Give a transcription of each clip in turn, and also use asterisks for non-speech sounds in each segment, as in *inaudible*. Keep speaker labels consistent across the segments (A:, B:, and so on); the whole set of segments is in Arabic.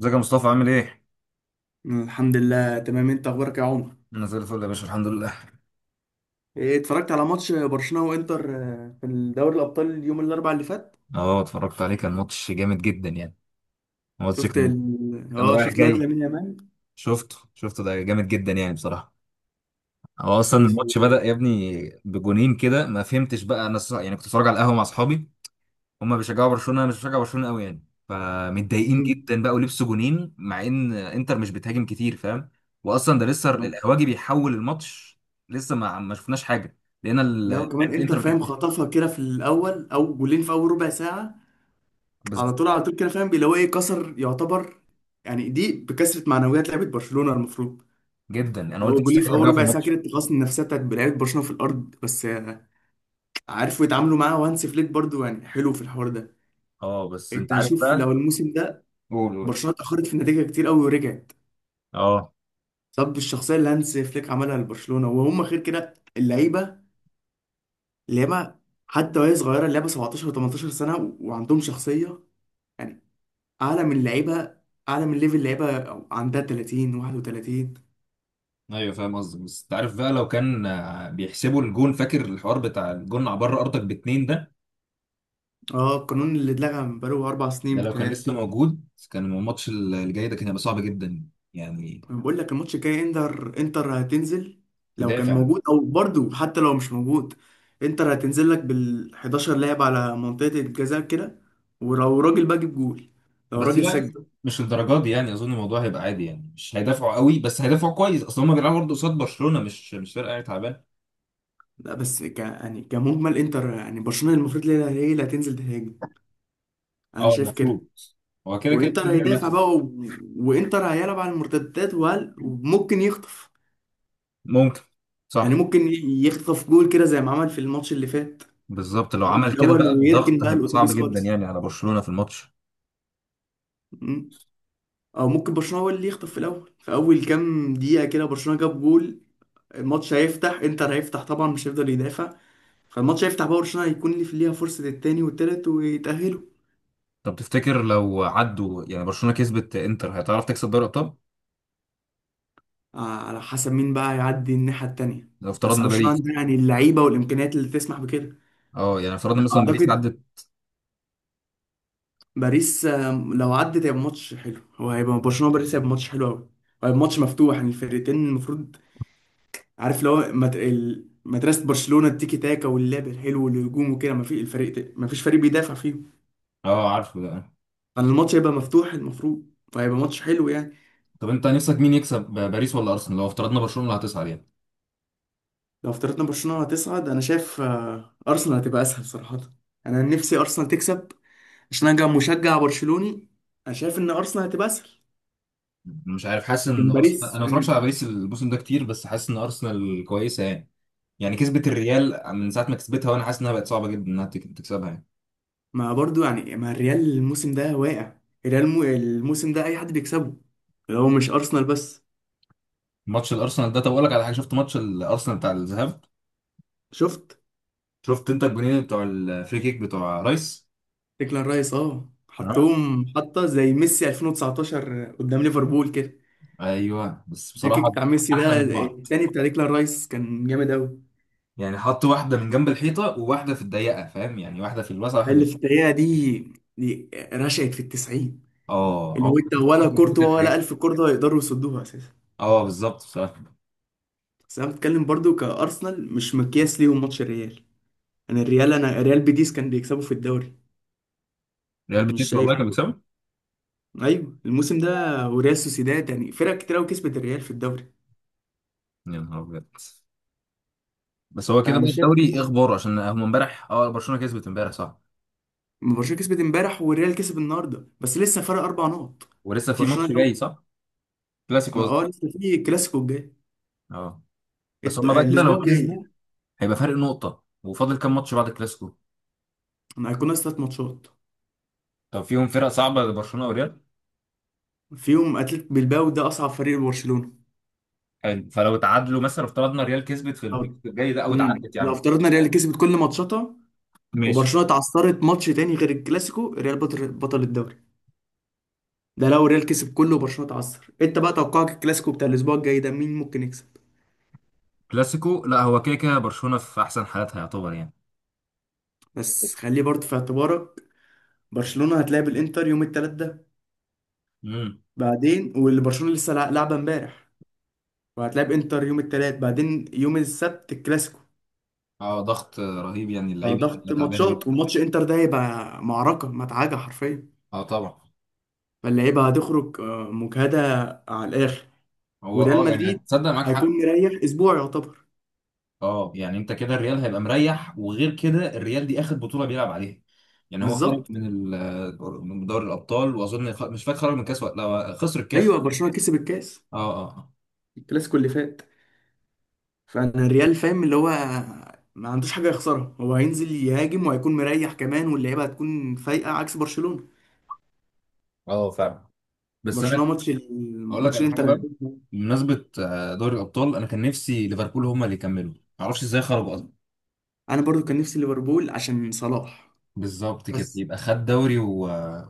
A: ازيك يا مصطفى عامل ايه؟
B: الحمد لله، تمام. انت اخبارك يا عمر؟
A: انا زي الفل يا باشا الحمد لله.
B: ايه، اتفرجت على ماتش برشلونة وانتر في دوري الابطال اليوم الاربعاء اللي فات.
A: اه، اتفرجت عليه، كان ماتش جامد جدا يعني. الماتش
B: شفت
A: كان
B: ال...
A: كان
B: اه،
A: رايح
B: شفت الواد
A: جاي.
B: لامين يامال.
A: شفته شفته، ده جامد جدا يعني بصراحة. هو
B: و...
A: اصلا الماتش بدأ يا ابني بجونين كده، ما فهمتش بقى انا يعني كنت بتفرج على القهوة مع اصحابي. هما بيشجعوا برشلونة، انا مش بشجع برشلونة قوي يعني. فمتضايقين
B: مم.
A: جدا بقى، ولبسوا جونين مع ان انتر مش بتهاجم كتير فاهم. واصلا ده لسه القهواجي بيحول الماتش، لسه ما شفناش حاجة. لقينا *laughs*
B: لا
A: لعيبة
B: وكمان انتر
A: الانتر
B: فاهم
A: بتهاجم.
B: خطفها كده في الاول، او جولين في اول ربع ساعة على طول
A: بالظبط.
B: على طول كده، فاهم اللي هو ايه، كسر يعتبر. يعني دي بكسرة معنويات لعيبة برشلونة المفروض.
A: جدا يعني. انا قلت
B: لو جولين في
A: مستحيل
B: اول
A: يرجعوا في
B: ربع ساعة
A: الماتش.
B: كده التقاص النفسية بتاعت لعيبة برشلونة في الارض، بس عارفوا يتعاملوا معاه، وهانسي فليك برضو يعني حلو في الحوار ده.
A: اه، بس انت
B: انت
A: عارف
B: شوف، لو
A: بقى.
B: الموسم ده
A: قول قول.
B: برشلونه اتاخرت في النتيجه كتير قوي ورجعت
A: اه،
B: بسبب الشخصيه اللي هانز فليك عملها لبرشلونه، وهم غير كده اللعيبه حتى وهي صغيره. اللعيبه 17 و18 سنه وعندهم شخصيه يعني اعلى من لعيبه، اعلى من ليفل لعيبه عندها 30 31.
A: ايوه فاهم قصدك، بس انت عارف بقى لو كان بيحسبوا الجون، فاكر الحوار بتاع الجون على بره ارضك باتنين ده؟
B: اه القانون اللي اتلغى من بقاله 4 سنين
A: ده لو كان
B: بتهيألي.
A: لسه موجود كان الماتش الجاي ده كان هيبقى صعب جدا يعني.
B: بقول لك الماتش الجاي، انتر هتنزل لو كان
A: تدافع.
B: موجود. مم. او برضو حتى لو مش موجود، انتر هتنزل لك بال 11 لاعب على منطقة الجزاء كده، ولو راجل بقى جيب جول، لو
A: بس
B: راجل
A: لا،
B: سجل.
A: مش للدرجات دي يعني. اظن الموضوع هيبقى عادي يعني، مش هيدافعوا قوي، بس هيدافعوا كويس، اصل هم بيلعبوا برضه قصاد برشلونه، مش فرقه يعني تعبانه.
B: لا بس يعني كمجمل انتر، يعني برشلونة المفروض هي اللي هتنزل تهاجم. انا
A: اه،
B: شايف كده.
A: المفروض. هو كده كده،
B: وانتر
A: ده
B: هي
A: ممكن
B: هيدافع، بص
A: يحصل.
B: بقى وانتر هيلعب على المرتدات، وممكن يخطف،
A: ممكن.
B: يعني
A: صح.
B: ممكن يخطف جول كده زي ما عمل في الماتش اللي فات.
A: بالظبط، لو
B: جول
A: عمل
B: في
A: كده
B: الاول انا
A: بقى
B: انا ويركن
A: الضغط
B: بقى، متفق
A: هيبقى صعب
B: الاتوبيس
A: جدا
B: خالص.
A: يعني على برشلونة في الماتش.
B: او ممكن برشلونه هو اللي يخطف في الاول، في اول كام دقيقه كده برشلونه جاب جول، الماتش هيفتح، انتر هيفتح طبعا مش هيفضل يدافع. فالماتش هيفتح بقى، برشلونه هيكون اللي في ليها فرصه التاني والتالت ويتاهلوا.
A: طب تفتكر لو عدوا يعني، برشلونة كسبت، انتر هتعرف تكسب دوري الابطال؟
B: على حسب مين بقى يعدي الناحيه التانيه.
A: لو
B: بس
A: افترضنا صعب
B: برشلونه عندها
A: باريس.
B: يعني اللعيبه والامكانيات اللي تسمح بكده.
A: اه، يعني افترضنا صعب مثلا باريس جدا
B: اعتقد
A: عدت.
B: باريس لو عدت هيبقى ماتش حلو. هو هيبقى برشلونه باريس، هيبقى ماتش حلو قوي، هيبقى ماتش مفتوح يعني الفرقتين المفروض. عارف لو مدرسة برشلونة التيكي تاكا واللعب الحلو والهجوم وكده، ما في الفريق ما فيش فريق بيدافع فيهم،
A: اه، عارفه ده.
B: كان الماتش هيبقى مفتوح المفروض، فهيبقى ماتش حلو يعني.
A: طب انت نفسك مين يكسب، باريس ولا ارسنال، لو افترضنا برشلونة اللي هتصعد يعني؟
B: لو افترضنا برشلونة هتصعد، انا شايف ارسنال هتبقى اسهل صراحة. انا نفسي ارسنال تكسب عشان انا مشجع برشلوني. انا شايف ان ارسنال هتبقى اسهل.
A: أنا مش عارف، حاسس ان
B: لكن
A: ارسنال، انا
B: باريس
A: ما اتفرجش
B: يعني،
A: على باريس الموسم ده كتير، بس حاسس ان ارسنال كويسة يعني. يعني كسبت الريال من ساعة ما كسبتها، وانا حاسس انها بقت صعبة جدا انها تكسبها يعني.
B: ما برضو يعني ما الريال الموسم ده واقع. الريال الموسم ده اي حد بيكسبه، لو مش ارسنال بس.
A: ماتش الارسنال ده، طب اقول لك على حاجة، شفت ماتش الارسنال بتاع الذهاب،
B: شفت
A: شفت انت الجونين بتوع الفري كيك بتوع رايس؟
B: ديكلان رايس، اه
A: نعم.
B: حطهم حطه زي ميسي 2019 قدام ليفربول كده.
A: ايوه بس
B: الفريك
A: بصراحه
B: بتاع ميسي
A: احلى
B: ده
A: من بعض
B: التاني بتاع ديكلان رايس كان جامد قوي.
A: يعني. حط واحده من جنب الحيطه وواحده في الضيقه، فاهم يعني، واحده في الوسط واحده في
B: اللي في
A: الضيقه.
B: الدقيقه دي، دي رشقت في التسعين.
A: اه،
B: اللي هو
A: عمرك
B: انت
A: ما شفت كده
B: ولا
A: موجود كده
B: كورتوا
A: في
B: ولا
A: حياتي.
B: الف كورتوا يقدروا يصدوها اساسا.
A: اه بالظبط بصراحه.
B: بس انا بتكلم برضو كارسنال مش مقياس ليهم ماتش الريال. انا الريال، انا ريال بيتيس كان بيكسبوا في الدوري،
A: ريال
B: فمش
A: بيتيس
B: شايف.
A: والله كان بيكسبوا.
B: ايوه الموسم ده، وريال سوسيداد يعني فرق كتير قوي كسبت الريال في الدوري،
A: يا نهار ابيض. بس هو كده بقى
B: فمش شايف.
A: الدوري ايه اخباره، عشان هم امبارح برشلونه كسبت امبارح صح؟
B: ما برشلونه كسبت امبارح والريال كسب النهارده، بس لسه فرق 4 نقط.
A: ولسه في
B: برشلونه
A: ماتش
B: الاول.
A: جاي صح. كلاسيكو
B: ما اه
A: قصدي.
B: لسه في كلاسيكو الجاي،
A: اه. بس هم بقى كده
B: الاسبوع
A: لو
B: الجاي.
A: كسبوا هيبقى فرق نقطه، وفاضل كام ماتش بعد الكلاسيكو؟
B: ما هيكون ناقص 3 ماتشات،
A: طب فيهم فرق صعبه برشلونه وريال؟
B: فيهم اتلتيك بلباو، ده اصعب فريق لبرشلونه.
A: حلو، فلو تعادلوا مثلا، افترضنا ريال كسبت في
B: أو-
A: الكلاسيكو الجاي ده او
B: امم،
A: تعادلت
B: لو
A: يعني.
B: افترضنا الريال كسبت كل ماتشاتها
A: ماشي.
B: وبرشلونه اتعثرت ماتش تاني غير الكلاسيكو، الريال بطل الدوري. ده لو الريال كسب كله وبرشلونه اتعثر. انت بقى توقعك الكلاسيكو بتاع الاسبوع الجاي ده مين ممكن يكسب؟
A: كلاسيكو لا، هو كده كده برشلونة في احسن حالاتها يعتبر يعني.
B: بس خليه برضه في اعتبارك، برشلونه هتلاعب الانتر يوم التلات ده،
A: امم.
B: بعدين واللي برشلونه لسه لعبه امبارح، وهتلعب انتر يوم الثلاث، بعدين يوم السبت الكلاسيكو.
A: اه، ضغط رهيب يعني، اللعيبه
B: فضغط
A: هتبقى تعبانه
B: ماتشات،
A: جدا.
B: والماتش انتر ده هيبقى معركة مدعكة حرفيا.
A: اه طبعا.
B: فاللعيبة هتخرج مجهدة على الآخر.
A: هو
B: وريال
A: يعني
B: مدريد
A: هتصدق معاك
B: هيكون
A: حق.
B: مريح أسبوع يعتبر.
A: اه يعني انت كده الريال هيبقى مريح، وغير كده الريال دي اخر بطوله بيلعب عليها يعني. هو خرج
B: بالظبط.
A: من من دوري الابطال، واظن مش فاكر خرج من الكاس ولا لا، هو خسر
B: أيوه
A: الكاس.
B: برشلونة كسب الكاس
A: اه. اه.
B: الكلاسيكو اللي فات. فأنا الريال فاهم اللي هو ما عندوش حاجة يخسرها، هو هينزل يهاجم وهيكون مريح كمان، واللعيبة هتكون فايقة عكس برشلونة.
A: اه اه فعلا. بس انا
B: برشلونة ماتش،
A: اقول لك
B: الماتش
A: على حاجه
B: الانتر
A: بقى.
B: هيكون-
A: بمناسبه دوري الابطال، انا كان نفسي ليفربول هم اللي يكملوا. معرفش ازاي خرجوا.
B: أنا برضو كان نفسي ليفربول عشان صلاح.
A: بالظبط كده،
B: بس
A: يبقى خد دوري و...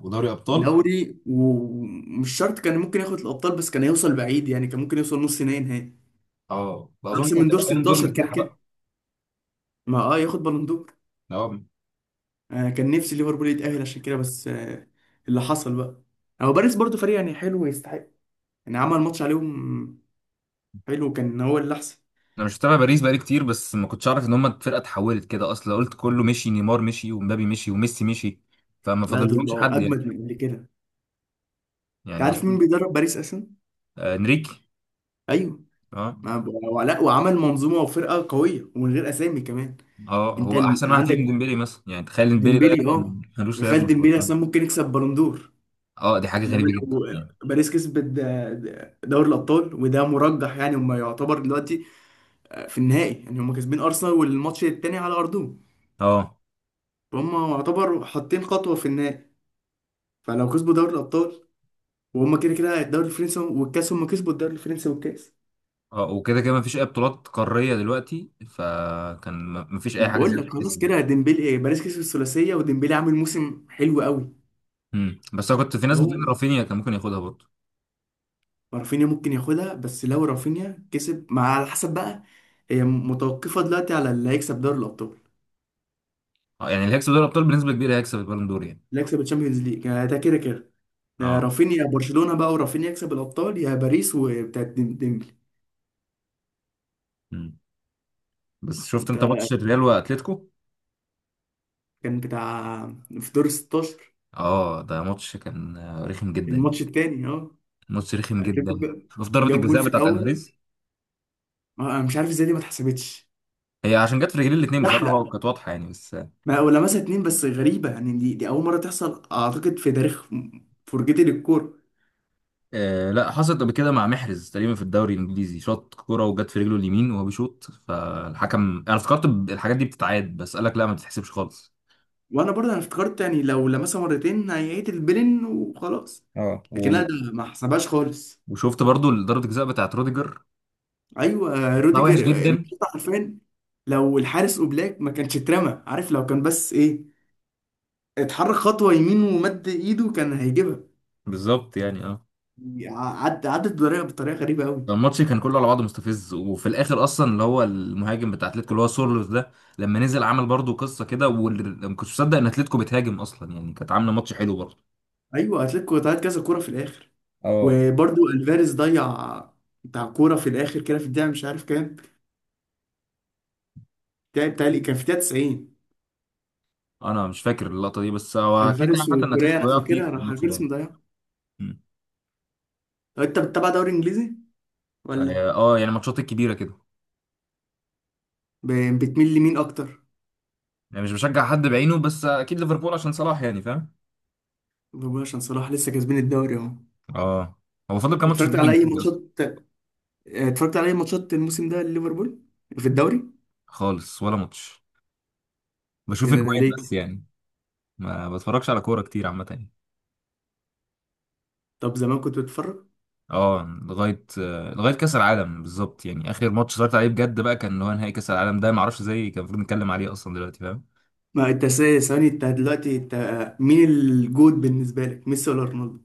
A: ودوري ابطال.
B: دوري، ومش شرط كان ممكن ياخد الابطال، بس كان هيوصل بعيد يعني، كان ممكن يوصل نص نهائي نهائي،
A: اه، اظن
B: احسن
A: كانت
B: من دور
A: هتبقى بالون دور
B: 16 كده
A: مرتاحه
B: كده.
A: بقى.
B: ما اه ياخد بالون دور.
A: اه،
B: آه كان نفسي ليفربول يتاهل عشان كده، بس آه اللي حصل بقى. هو باريس برضو فريق يعني حلو ويستحق، يعني عمل ماتش عليهم حلو، كان هو اللي احسن.
A: انا مش متابع باريس بقالي كتير، بس ما كنتش اعرف ان هم الفرقه اتحولت كده اصلا. قلت كله مشي، نيمار مشي ومبابي مشي وميسي مشي، فما
B: لا دول
A: فاضلهمش
B: بقوا
A: حد يعني.
B: اجمد من اللي كده. انت
A: يعني
B: عارف
A: اظن.
B: مين بيدرب باريس اصلا؟
A: آه انريكي.
B: ايوه.
A: اه.
B: ما ب- ولا، وعمل منظومه وفرقه قويه ومن غير اسامي كمان.
A: اه، هو احسن واحد فيهم
B: عندك
A: ديمبلي مثلا، يعني تخيل ديمبلي ده
B: ديمبلي،
A: كان
B: اه.
A: ملوش
B: وخال
A: لازمه في
B: ديمبلي اصلا
A: برشلونه.
B: ممكن يكسب بالون دور.
A: اه، دي حاجه
B: لو
A: غريبه جدا
B: لو
A: يعني.
B: باريس كسبت دوري الابطال، وده مرجح يعني، هم يعتبر دلوقتي في النهائي، يعني هم كاسبين ارسنال والماتش التاني على ارضهم.
A: اه،
B: فهم يعتبر حاطين خطوه في النهائي. فلو كسبوا دوري الابطال، وهم كده كده الدوري الفرنسي والكاس، هم كسبوا الدوري الفرنسي والكاس.
A: اه، وكده كده ما فيش اي بطولات قاريه دلوقتي، فكان ما فيش اي
B: ما
A: حاجه
B: بقول
A: زياده
B: لك خلاص
A: تتحسب.
B: كده ديمبلي، ايه باريس كسب الثلاثيه وديمبلي عامل موسم حلو قوي.
A: بس انا كنت في ناس
B: هو
A: بتقول رافينيا كان ممكن ياخدها برضه.
B: رافينيا ممكن ياخدها، بس لو رافينيا كسب مع، على حسب بقى. هي متوقفه دلوقتي على اللي هيكسب دوري الابطال.
A: اه يعني اللي هيكسب دوري الابطال بنسبه كبيره هيكسب البالون دور يعني.
B: اللي هيكسب الشامبيونز ليج يعني ده كده كده
A: اه.
B: رافينيا برشلونة بقى، ورافينيا يكسب الأبطال يا باريس وبتاعت ديمبلي.
A: امم بس شفت انت ماتش
B: انت
A: الريال واتلتيكو.
B: كان بتاع في دور 16
A: اه، ده ماتش كان رخم جدا يعني.
B: الماتش التاني، اه.
A: ماتش رخم
B: اتلتيكو
A: جدا. شفت ضربه
B: جاب جول
A: الجزاء
B: في
A: بتاعت
B: الأول،
A: الفاريز.
B: أنا مش عارف ازاي دي ما اتحسبتش.
A: هي عشان جت في رجلين الاثنين بصراحه
B: زحلق.
A: هو، كانت واضحه يعني بس.
B: ما ولا مثلا اتنين، بس غريبة يعني دي أول مرة تحصل أعتقد في تاريخ فرجتي للكورة.
A: آه لا، حصلت قبل كده مع محرز تقريبا في الدوري الانجليزي، شاط كوره وجت في رجله اليمين وهو بيشوط، فالحكم انا افتكرت الحاجات دي بتتعاد، بس قال لك لا، ما بتتحسبش خالص.
B: وأنا برضه أنا افتكرت يعني لو لمسها مرتين هيعيد البلن وخلاص،
A: اه،
B: لكن لا ده ما حسبهاش خالص.
A: وشفت برضو ضربة الجزاء بتاعت روديجر.
B: ايوه
A: لا وحش
B: روديجر
A: جدا.
B: مش حرفيا، لو الحارس اوبلاك ما كانش اترمى، عارف لو كان بس ايه، اتحرك خطوه يمين ومد ايده كان هيجيبها.
A: بالظبط يعني. اه
B: عد عدت بطريقه غريبه قوي.
A: الماتش كان كله على بعضه مستفز، وفي الاخر اصلا اللي هو المهاجم بتاع اتلتيكو اللي هو سورلوس ده، لما نزل عمل برضه قصه كده، واللي ما كنتش مصدق ان اتلتيكو بتهاجم اصلا يعني، كانت عامله ماتش حلو برضه.
B: ايوه اتلتيكو ضيعت كذا كوره في الاخر،
A: اه،
B: وبرضو الفاريز ضيع بتاع كوره في الاخر كده في الدقيقه مش عارف كام، بتاعي كان في الدقيقه 90.
A: انا مش فاكر اللقطه دي، بس هو كده كده
B: الفاريز
A: عامه ان
B: وكوريا
A: اتلتيكو
B: انا
A: وقع كتير
B: فاكرها،
A: في
B: راح
A: الماتش ده
B: الفاريز
A: يعني.
B: مضيعها.
A: مم.
B: طب انت بتتابع دوري انجليزي ولا
A: اه، يعني ماتشات الكبيره كده.
B: بتميل لمين اكتر؟
A: يعني مش بشجع حد بعينه، بس اكيد ليفربول عشان صلاح يعني فاهم.
B: بقول عشان صلاح لسه كاسبين الدوري اهو.
A: اه، هو فاضل كام ماتش في
B: اتفرجت
A: الدوري
B: على اي
A: الانجليزي اصلا؟
B: ماتشات، اتفرجت على اي ماتشات الموسم ده لليفربول في الدوري؟
A: خالص ولا ماتش. بشوف
B: يعني انا
A: اجوان بس
B: ليه.
A: يعني، ما بتفرجش على كوره كتير عامه يعني.
B: طب زمان كنت بتفرج.
A: اه، لغايه لغايه كاس العالم بالظبط. يعني اخر ماتش اتفرجت عليه بجد بقى كان اللي هو نهائي كاس العالم ده، ما اعرفش ازاي كان المفروض نتكلم عليه اصلا دلوقتي فاهم.
B: ما انت ثواني، انت دلوقتي، انت مين الجود بالنسبه لك، ميسي ولا رونالدو؟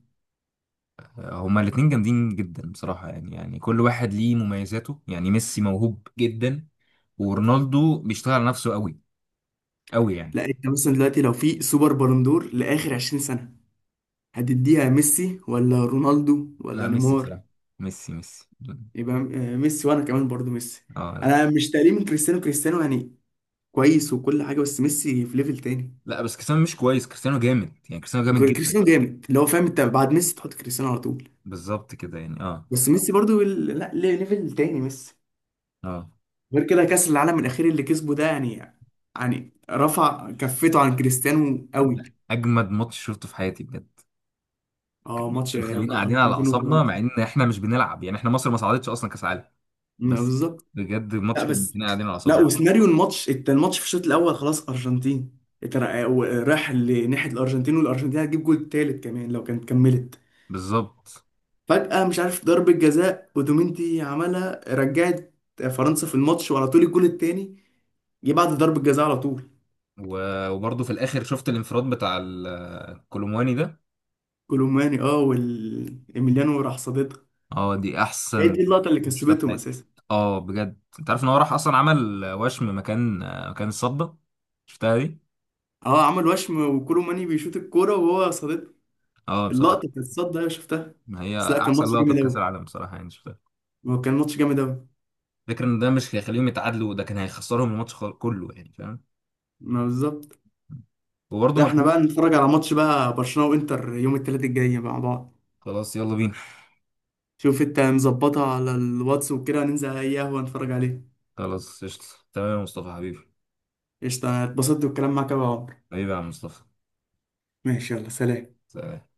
A: هما الاثنين جامدين جدا بصراحه يعني. يعني كل واحد ليه مميزاته يعني. ميسي موهوب جدا، ورونالدو بيشتغل على نفسه قوي قوي يعني.
B: لا انت مثلا دلوقتي، لو في سوبر بالندور لاخر 20 سنه هتديها ميسي ولا رونالدو
A: لا
B: ولا
A: ميسي
B: نيمار؟
A: بصراحه. ميسي ميسي.
B: يبقى ميسي، وانا كمان برضو ميسي.
A: اه لا.
B: انا مش تقليل من كريستيانو، كريستيانو يعني كويس وكل حاجه، بس ميسي في ليفل تاني.
A: لا بس كريستيانو مش كويس، كريستيانو جامد يعني، كريستيانو جامد جدا.
B: كريستيانو جامد، اللي هو فاهم انت بعد ميسي تحط كريستيانو على طول.
A: بالظبط كده يعني اه
B: بس ميسي برضو ال- لا ليه- ليفل تاني ميسي.
A: اه.
B: غير كده كأس العالم الأخير اللي كسبه ده يعني، يعني رفع كفته عن كريستيانو قوي.
A: اجمد ماتش شفته في حياتي بجد.
B: اه ماتش
A: ماتش مخلينا قاعدين على
B: أرجنتين
A: اعصابنا
B: وفرنسا.
A: مع ان احنا مش بنلعب يعني، احنا مصر ما صعدتش اصلا كاس عالم.
B: ما
A: بس
B: بالظبط.
A: بجد الماتش
B: لا
A: كان
B: بس،
A: مخلينا قاعدين على
B: لا
A: اعصابنا.
B: وسيناريو الماتش، الماتش في الشوط الأول خلاص أرجنتين راح لناحية الأرجنتين، والأرجنتين هتجيب جول تالت كمان لو كانت كملت.
A: بالظبط.
B: فجأة مش عارف ضربة جزاء ودومينتي عملها، رجعت فرنسا في الماتش. وعلى طول الجول التاني جه بعد ضربة جزاء على طول.
A: وبرضه في الاخر شفت الانفراد بتاع الكولومواني ده.
B: كولوماني، اه إيميليانو راح صاددها.
A: اه دي
B: هي
A: احسن
B: دي اللقطة اللي
A: شفتها في
B: كسبتهم
A: حياتي.
B: أساسا.
A: اه بجد، انت عارف ان هو راح اصلا عمل وشم مكان، مكان الصدى، شفتها دي.
B: اه عمل وشم وكولو ماني بيشوط الكورة وهو صادته.
A: اه
B: اللقطة
A: بصراحه،
B: بتاعت الصد أيوة شفتها.
A: ما هي
B: بس لا، كان
A: احسن
B: ماتش
A: لقطه
B: جامد
A: في كاس
B: أوي.
A: العالم بصراحه يعني شفتها.
B: هو كان ماتش جامد أوي.
A: فكرة ان ده مش هيخليهم يتعادلوا ده كان هيخسرهم الماتش كله يعني فاهم.
B: ما بالظبط.
A: وبرضه
B: لا احنا بقى
A: مارتينيز.
B: نتفرج على ماتش بقى برشلونة وإنتر يوم التلات الجاي مع بعض.
A: خلاص يلا بينا.
B: شوف انت مظبطها على الواتس وكده، ننزل أي قهوة نتفرج عليه.
A: خلاص قشطة. تمام يا مصطفى حبيبي.
B: قشطة، اتبسطت بالكلام معاك أوي يا عمر.
A: حبيبي يا عم مصطفى.
B: ماشي، يلا سلام.
A: سلام.